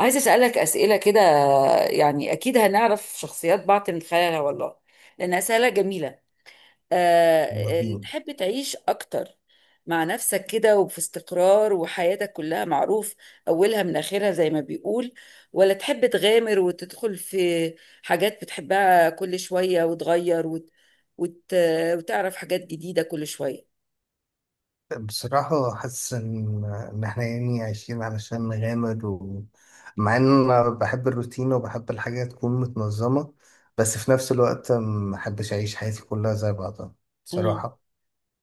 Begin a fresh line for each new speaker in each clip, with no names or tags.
عايزة أسألك أسئلة كده. يعني أكيد هنعرف شخصيات بعض من خلالها والله، لأن أسئلة جميلة. أه
يلا
آه،
بينا.
تحب تعيش أكتر مع نفسك كده وفي استقرار، وحياتك كلها معروف أولها من آخرها زي ما بيقول، ولا تحب تغامر وتدخل في حاجات بتحبها كل شوية وتغير وت... وتعرف حاجات جديدة كل شوية؟
بصراحة حاسس إن إحنا يعني عايشين علشان نغامر، ومع إن أنا بحب الروتين وبحب الحاجة تكون متنظمة، بس في نفس الوقت ما أحبش أعيش حياتي كلها زي بعضها. بصراحة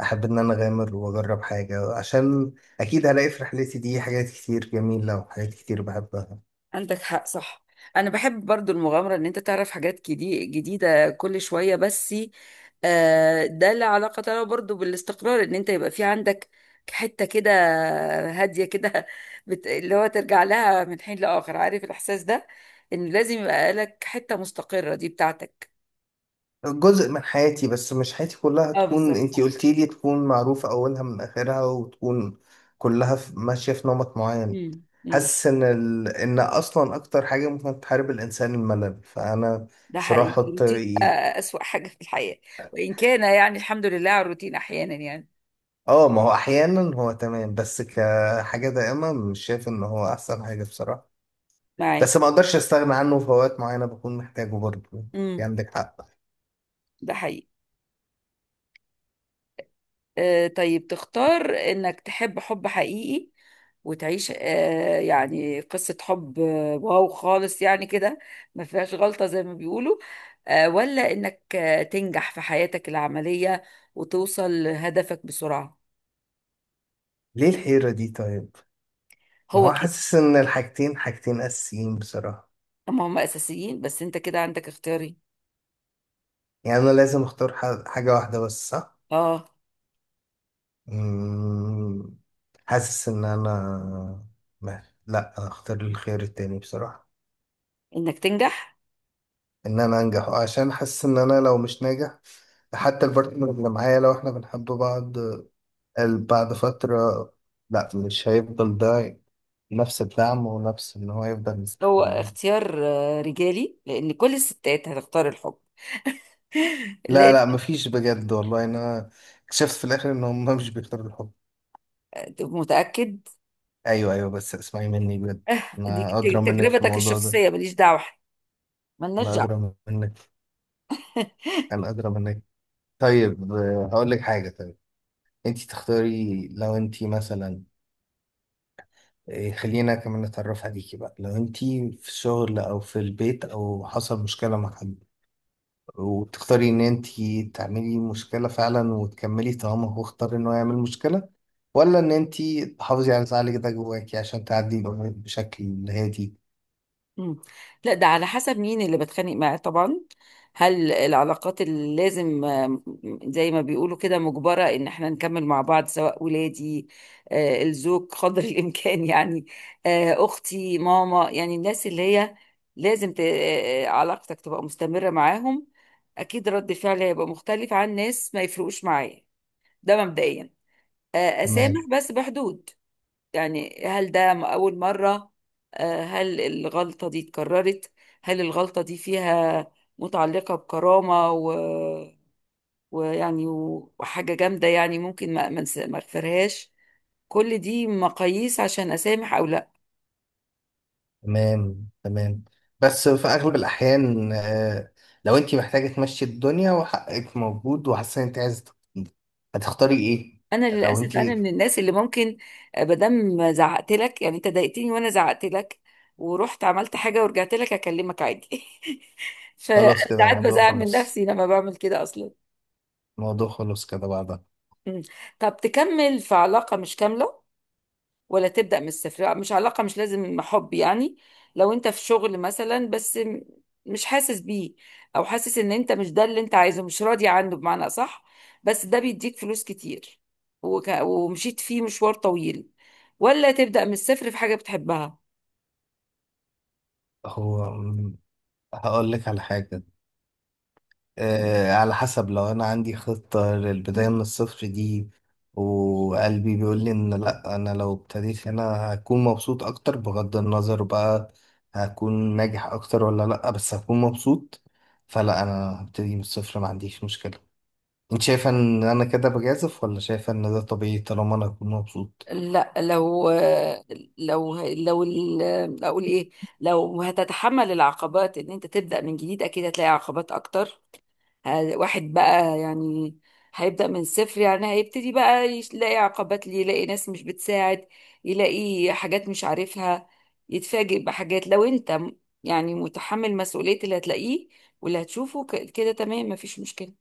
أحب إن أنا أغامر وأجرب حاجة، عشان أكيد هلاقي في رحلتي دي حاجات كتير جميلة وحاجات كتير بحبها.
عندك حق، صح. انا بحب برضو المغامره ان انت تعرف حاجات جديده كل شويه، بس ده له علاقه له برضو بالاستقرار، ان انت يبقى في عندك حته كده، هاديه كده اللي هو ترجع لها من حين لاخر، عارف الاحساس ده؟ ان لازم يبقى لك حته مستقره دي بتاعتك.
جزء من حياتي، بس مش حياتي كلها
اه
تكون
بالظبط،
انتي
صح.
قلتي لي تكون معروفة أولها من آخرها وتكون كلها ماشية في نمط معين.
امم امم
حاسس إن إن أصلا أكتر حاجة ممكن تحارب الإنسان الملل، فأنا
ده
مش راح
حقيقي،
أحط
الروتين
إيد.
اسوأ حاجه في الحياه، وان كان يعني الحمد لله على الروتين احيانا يعني.
آه، ما هو أحيانا هو تمام، بس كحاجة دائمة مش شايف إن هو أحسن حاجة بصراحة.
معاك.
بس ما أقدرش أستغنى عنه في أوقات معينة، بكون محتاجه برضه
امم
يعني. عندك حق.
ده حقيقي. طيب، تختار انك تحب حب حقيقي وتعيش يعني قصة حب واو خالص يعني كده، ما فيهاش غلطة زي ما بيقولوا، ولا انك تنجح في حياتك العملية وتوصل لهدفك بسرعة؟
ليه الحيرة دي طيب؟ ما
هو
هو
كده.
حاسس إن الحاجتين حاجتين أساسيين بصراحة.
اما هم اساسيين، بس انت كده عندك اختياري.
يعني انا لازم اختار حاجة واحدة بس، صح؟
اه،
مم، حاسس ان انا لا، أنا اختار الخيار التاني بصراحة.
انك تنجح.
ان انا انجح، عشان حاسس ان انا لو مش ناجح، حتى البارتنر اللي معايا لو احنا بنحب بعض، بعد فترة لا، مش هيفضل ده نفس الدعم، ونفس ان هو يفضل
هو
مستحمل.
اختيار رجالي، لان كل الستات هتختار الحب.
لا
لان
لا مفيش، بجد والله، انا اكتشفت في الاخر ان هم مش بيختاروا الحب.
متأكد؟
ايوه ايوه، بس اسمعي مني بجد،
دي
انا ادرى منك في
تجربتك
الموضوع ده.
الشخصية، ماليش دعوة، ملناش
لا،
دعوة.
أدرى منك، أنا أدرى منك. طيب آه، هقول لك حاجة. طيب، أنت تختاري لو أنت مثلا، آه، خلينا كمان نتعرف عليكي بقى. لو أنت في الشغل أو في البيت، أو حصل مشكلة مع حد، وتختاري إن أنت تعملي مشكلة فعلا وتكملي طالما هو اختار إنه يعمل مشكلة، ولا إن أنت تحافظي على زعلك ده جواكي عشان تعدي الأمور بشكل هادي.
مم. لا، ده على حسب مين اللي بتخانق معاه طبعا. هل العلاقات اللي لازم، زي ما بيقولوا كده، مجبرة ان احنا نكمل مع بعض، سواء ولادي، الزوج قدر الامكان يعني، اختي، ماما، يعني الناس اللي هي لازم علاقتك تبقى مستمرة معاهم، اكيد رد فعلي هيبقى مختلف عن ناس ما يفرقوش معايا. ده مبدئيا. اسامح
تمام.
بس بحدود. يعني هل ده أول مرة؟ هل الغلطة دي اتكررت؟ هل الغلطة دي فيها، متعلقة بكرامة ويعني وحاجة جامدة يعني، ممكن ما اغفرهاش؟ كل دي مقاييس عشان أسامح أو لا.
تمام، تمام، بس في اغلب الاحيان آه، لو انت محتاجه تمشي الدنيا وحقك موجود وحاسه ان انت عايزه تبتدي، هتختاري ايه؟
أنا
لو انت،
للأسف أنا من الناس اللي ممكن بدم زعقت لك، يعني أنت ضايقتني وأنا زعقت لك ورحت عملت حاجة ورجعت لك أكلمك عادي. فأنا
خلاص كده
ساعات
الموضوع
بزعل من
خلص،
نفسي لما بعمل كده أصلا.
الموضوع خلص كده بعدها.
مم. طب تكمل في علاقة مش كاملة ولا تبدأ من الصفر؟ لا، مش علاقة، مش لازم حب يعني. لو انت في شغل مثلا بس مش حاسس بيه، او حاسس ان انت مش ده اللي انت عايزه، مش راضي عنه بمعنى اصح، بس ده بيديك فلوس كتير ومشيت فيه مشوار طويل، ولا تبدأ من الصفر في حاجة بتحبها؟
هو مم، هقول لك على حاجه. آه، على حسب، لو انا عندي خطة للبداية من الصفر دي، وقلبي بيقول لي ان لا، انا لو ابتديت هنا هكون مبسوط اكتر، بغض النظر بقى هكون ناجح اكتر ولا لا، بس هكون مبسوط، فلا انا هبتدي من الصفر، ما عنديش مشكلة. انت شايفة ان انا كده بجازف، ولا شايفة ان ده طبيعي طالما انا هكون مبسوط؟
لا، لو اقول ايه، لو هتتحمل العقبات ان انت تبدأ من جديد، اكيد هتلاقي عقبات اكتر. واحد بقى يعني هيبدأ من الصفر، يعني هيبتدي بقى يلاقي عقبات، ليه، يلاقي ناس مش بتساعد، يلاقي حاجات مش عارفها، يتفاجئ بحاجات. لو انت يعني متحمل مسؤولية اللي هتلاقيه واللي هتشوفه كده، تمام، مفيش مشكلة.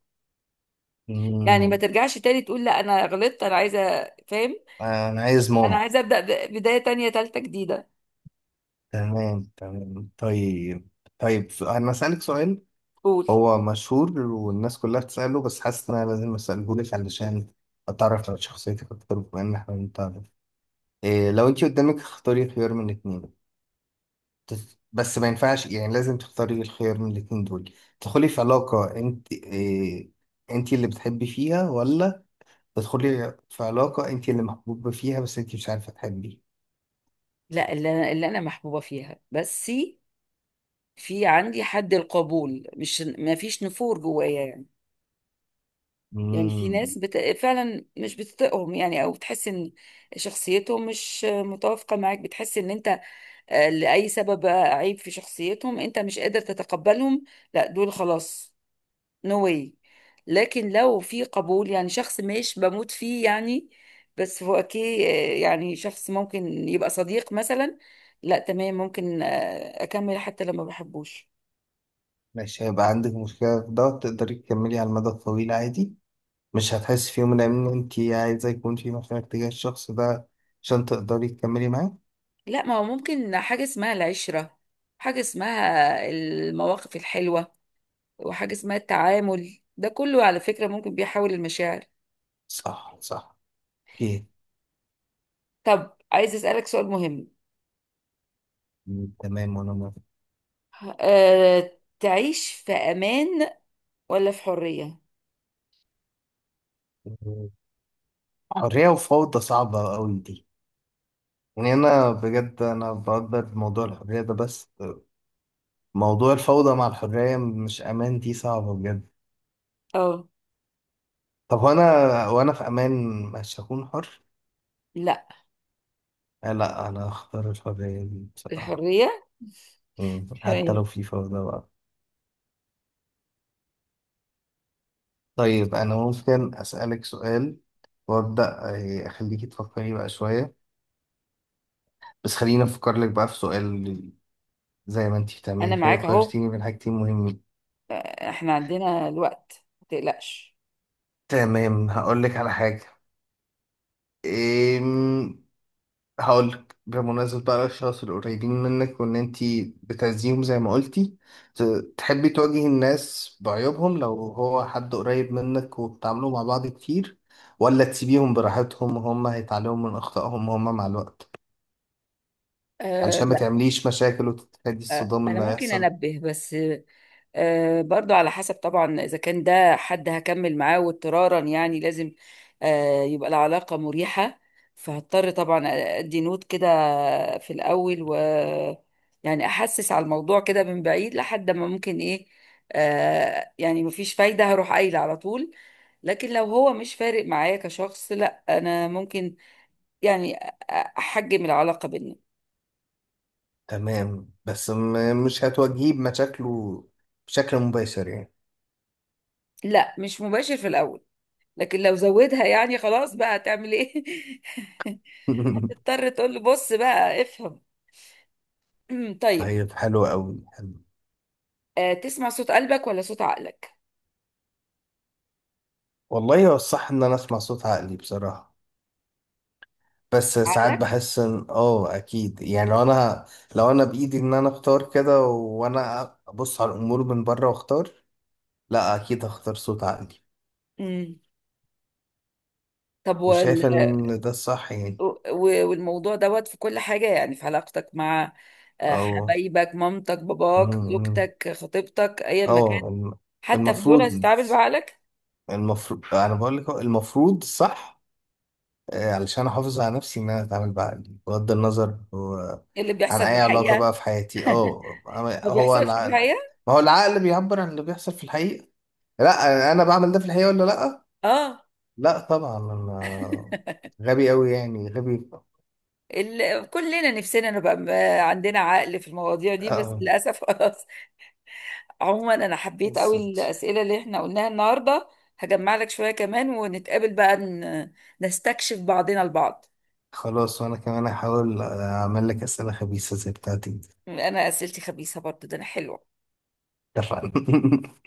يعني ما
مم.
ترجعش تاني تقول لا انا غلطت، انا عايزة، فاهم،
انا عايز
انا
ماما.
عايزة أبدأ بداية تانية تالتة جديدة.
تمام تمام. طيب، طيب انا اسألك سؤال.
قول.
هو مشهور والناس كلها بتسأله، بس حاسس إن أنا لازم أسألهولك علشان أتعرف على شخصيتك أكتر، بما إن إحنا بنتعرف. إيه لو أنت قدامك اختاري خيار من الاتنين، بس ما ينفعش، يعني لازم تختاري الخيار من الاتنين دول. تدخلي في علاقة أنت إيه، أنت اللي بتحبي فيها، ولا تدخلي في علاقة أنت اللي محبوبة فيها، بس أنت مش عارفة تحبي.
لا، اللي انا محبوبه فيها بس في عندي حد القبول، مش ما فيش نفور جوايا يعني. يعني في
مم.
ناس فعلا مش بتطيقهم يعني، او بتحس ان شخصيتهم مش متوافقه معاك، بتحس ان انت لاي سبب بقى، عيب في شخصيتهم، انت مش قادر تتقبلهم. لا دول خلاص، نو واي. لكن لو في قبول، يعني شخص مش بموت فيه يعني، بس هو اوكي، يعني شخص ممكن يبقى صديق مثلا، لا تمام، ممكن اكمل حتى لما بحبوش.
ماشي، هيبقى عندك مشكلة في ده؟ تقدري تكملي على المدى الطويل عادي؟ مش هتحس في يوم من الأيام إن أنت عايزة يكون في مشاعر تجاه الشخص ده عشان تقدري تكملي معاه؟
لا، ما هو ممكن حاجه اسمها العشره، حاجه اسمها المواقف الحلوه، وحاجة اسمها التعامل، ده كله على فكرة ممكن بيحول المشاعر.
صح، صح. أوكي.
طب عايز أسألك سؤال مهم.
م، تمام وأنا موافق.
تعيش في أمان ولا في حرية؟
م، حرية وفوضى صعبة أوي دي. يعني أنا بجد أنا بقدر موضوع الحرية ده، بس موضوع الفوضى مع الحرية مش أمان، دي صعبة بجد.
اه
طب وأنا في أمان مش هكون حر؟
لا،
آه لا، أنا هختار الحرية دي بصراحة.
الحرية.
م، حتى لو
تمام.
في فوضى بقى. طيب أنا ممكن أسألك سؤال وأبدأ، آه، أخليكي تفكري بقى شوية، بس خليني أفكر لك بقى في سؤال، زي ما أنتي
أنا
بتعملي كده
معاك أهو،
وخيرتيني بين حاجتين مهمين.
احنا عندنا الوقت، ما تقلقش.
تمام، هقول لك على حاجة. إيم... هقول لك بمناسبة بقى الأشخاص القريبين منك، وإن أنتي بتعزيهم زي ما قلتي، تحبي تواجهي الناس بعيوبهم لو هو حد قريب منك وبتعاملوا مع بعض كتير، ولا تسيبيهم براحتهم وهم هيتعلموا من أخطائهم وهم مع الوقت،
أه
علشان ما
لا،
تعمليش مشاكل وتتفادي الصدام
أنا
اللي
ممكن
هيحصل؟
أنبه بس، برضو على حسب طبعا، إذا كان ده حد هكمل معاه واضطرارا يعني لازم يبقى العلاقة مريحة، فهضطر طبعا أدي نوت كده في الأول، و يعني أحسس على الموضوع كده من بعيد لحد ما ممكن إيه، يعني مفيش فايدة، هروح قايلة على طول. لكن لو هو مش فارق معايا كشخص، لا أنا ممكن يعني أحجم العلاقة بينا.
تمام، بس مش هتواجهيه بمشاكله بشكل مباشر يعني.
لا مش مباشر في الأول، لكن لو زودها يعني خلاص بقى، هتعمل إيه؟ تضطر تقول له بص بقى افهم. طيب،
طيب، حلو قوي، حلو.
تسمع صوت قلبك ولا صوت عقلك؟
والله هو الصح ان انا اسمع صوت عقلي بصراحة، بس ساعات
عقلك.
بحس ان اه اكيد، يعني لو انا، لو انا بايدي ان انا اختار كده، وانا ابص على الامور من بره واختار، لا اكيد هختار صوت عقلي.
امم طب وال...
وشايف ان ده الصح يعني.
و- والموضوع دوت في كل حاجة، يعني في علاقتك مع
اه،
حبايبك، مامتك،
م-
باباك،
م.
زوجتك، خطيبتك، ايا ما كان،
اه
حتى في دول
المفروض،
هتتعامل بعقلك؟
المفروض. انا بقول لك هو المفروض صح، آه، علشان احافظ على نفسي، ان انا اتعامل بقى بغض النظر هو
اللي
عن
بيحصل في
اي علاقه
الحقيقة
بقى في حياتي. اه،
ما
هو
بيحصلش في
العقل،
الحقيقة.
ما هو العقل بيعبر عن اللي بيحصل في الحقيقه. لا، انا بعمل ده في الحقيقه ولا لا؟
اه،
لا طبعا، انا غبي قوي يعني، غبي.
كلنا نفسنا نبقى عندنا عقل في المواضيع دي، بس
اه،
للأسف. عموما انا حبيت قوي
بالظبط.
الاسئله اللي احنا قلناها النهارده، هجمع لك شويه كمان ونتقابل بقى، نستكشف بعضنا البعض.
خلاص، وانا كمان هحاول اعمل لك اسئله خبيثه زي بتاعتي.
انا اسئلتي خبيثه برضو، ده انا حلوه.
اتفقنا.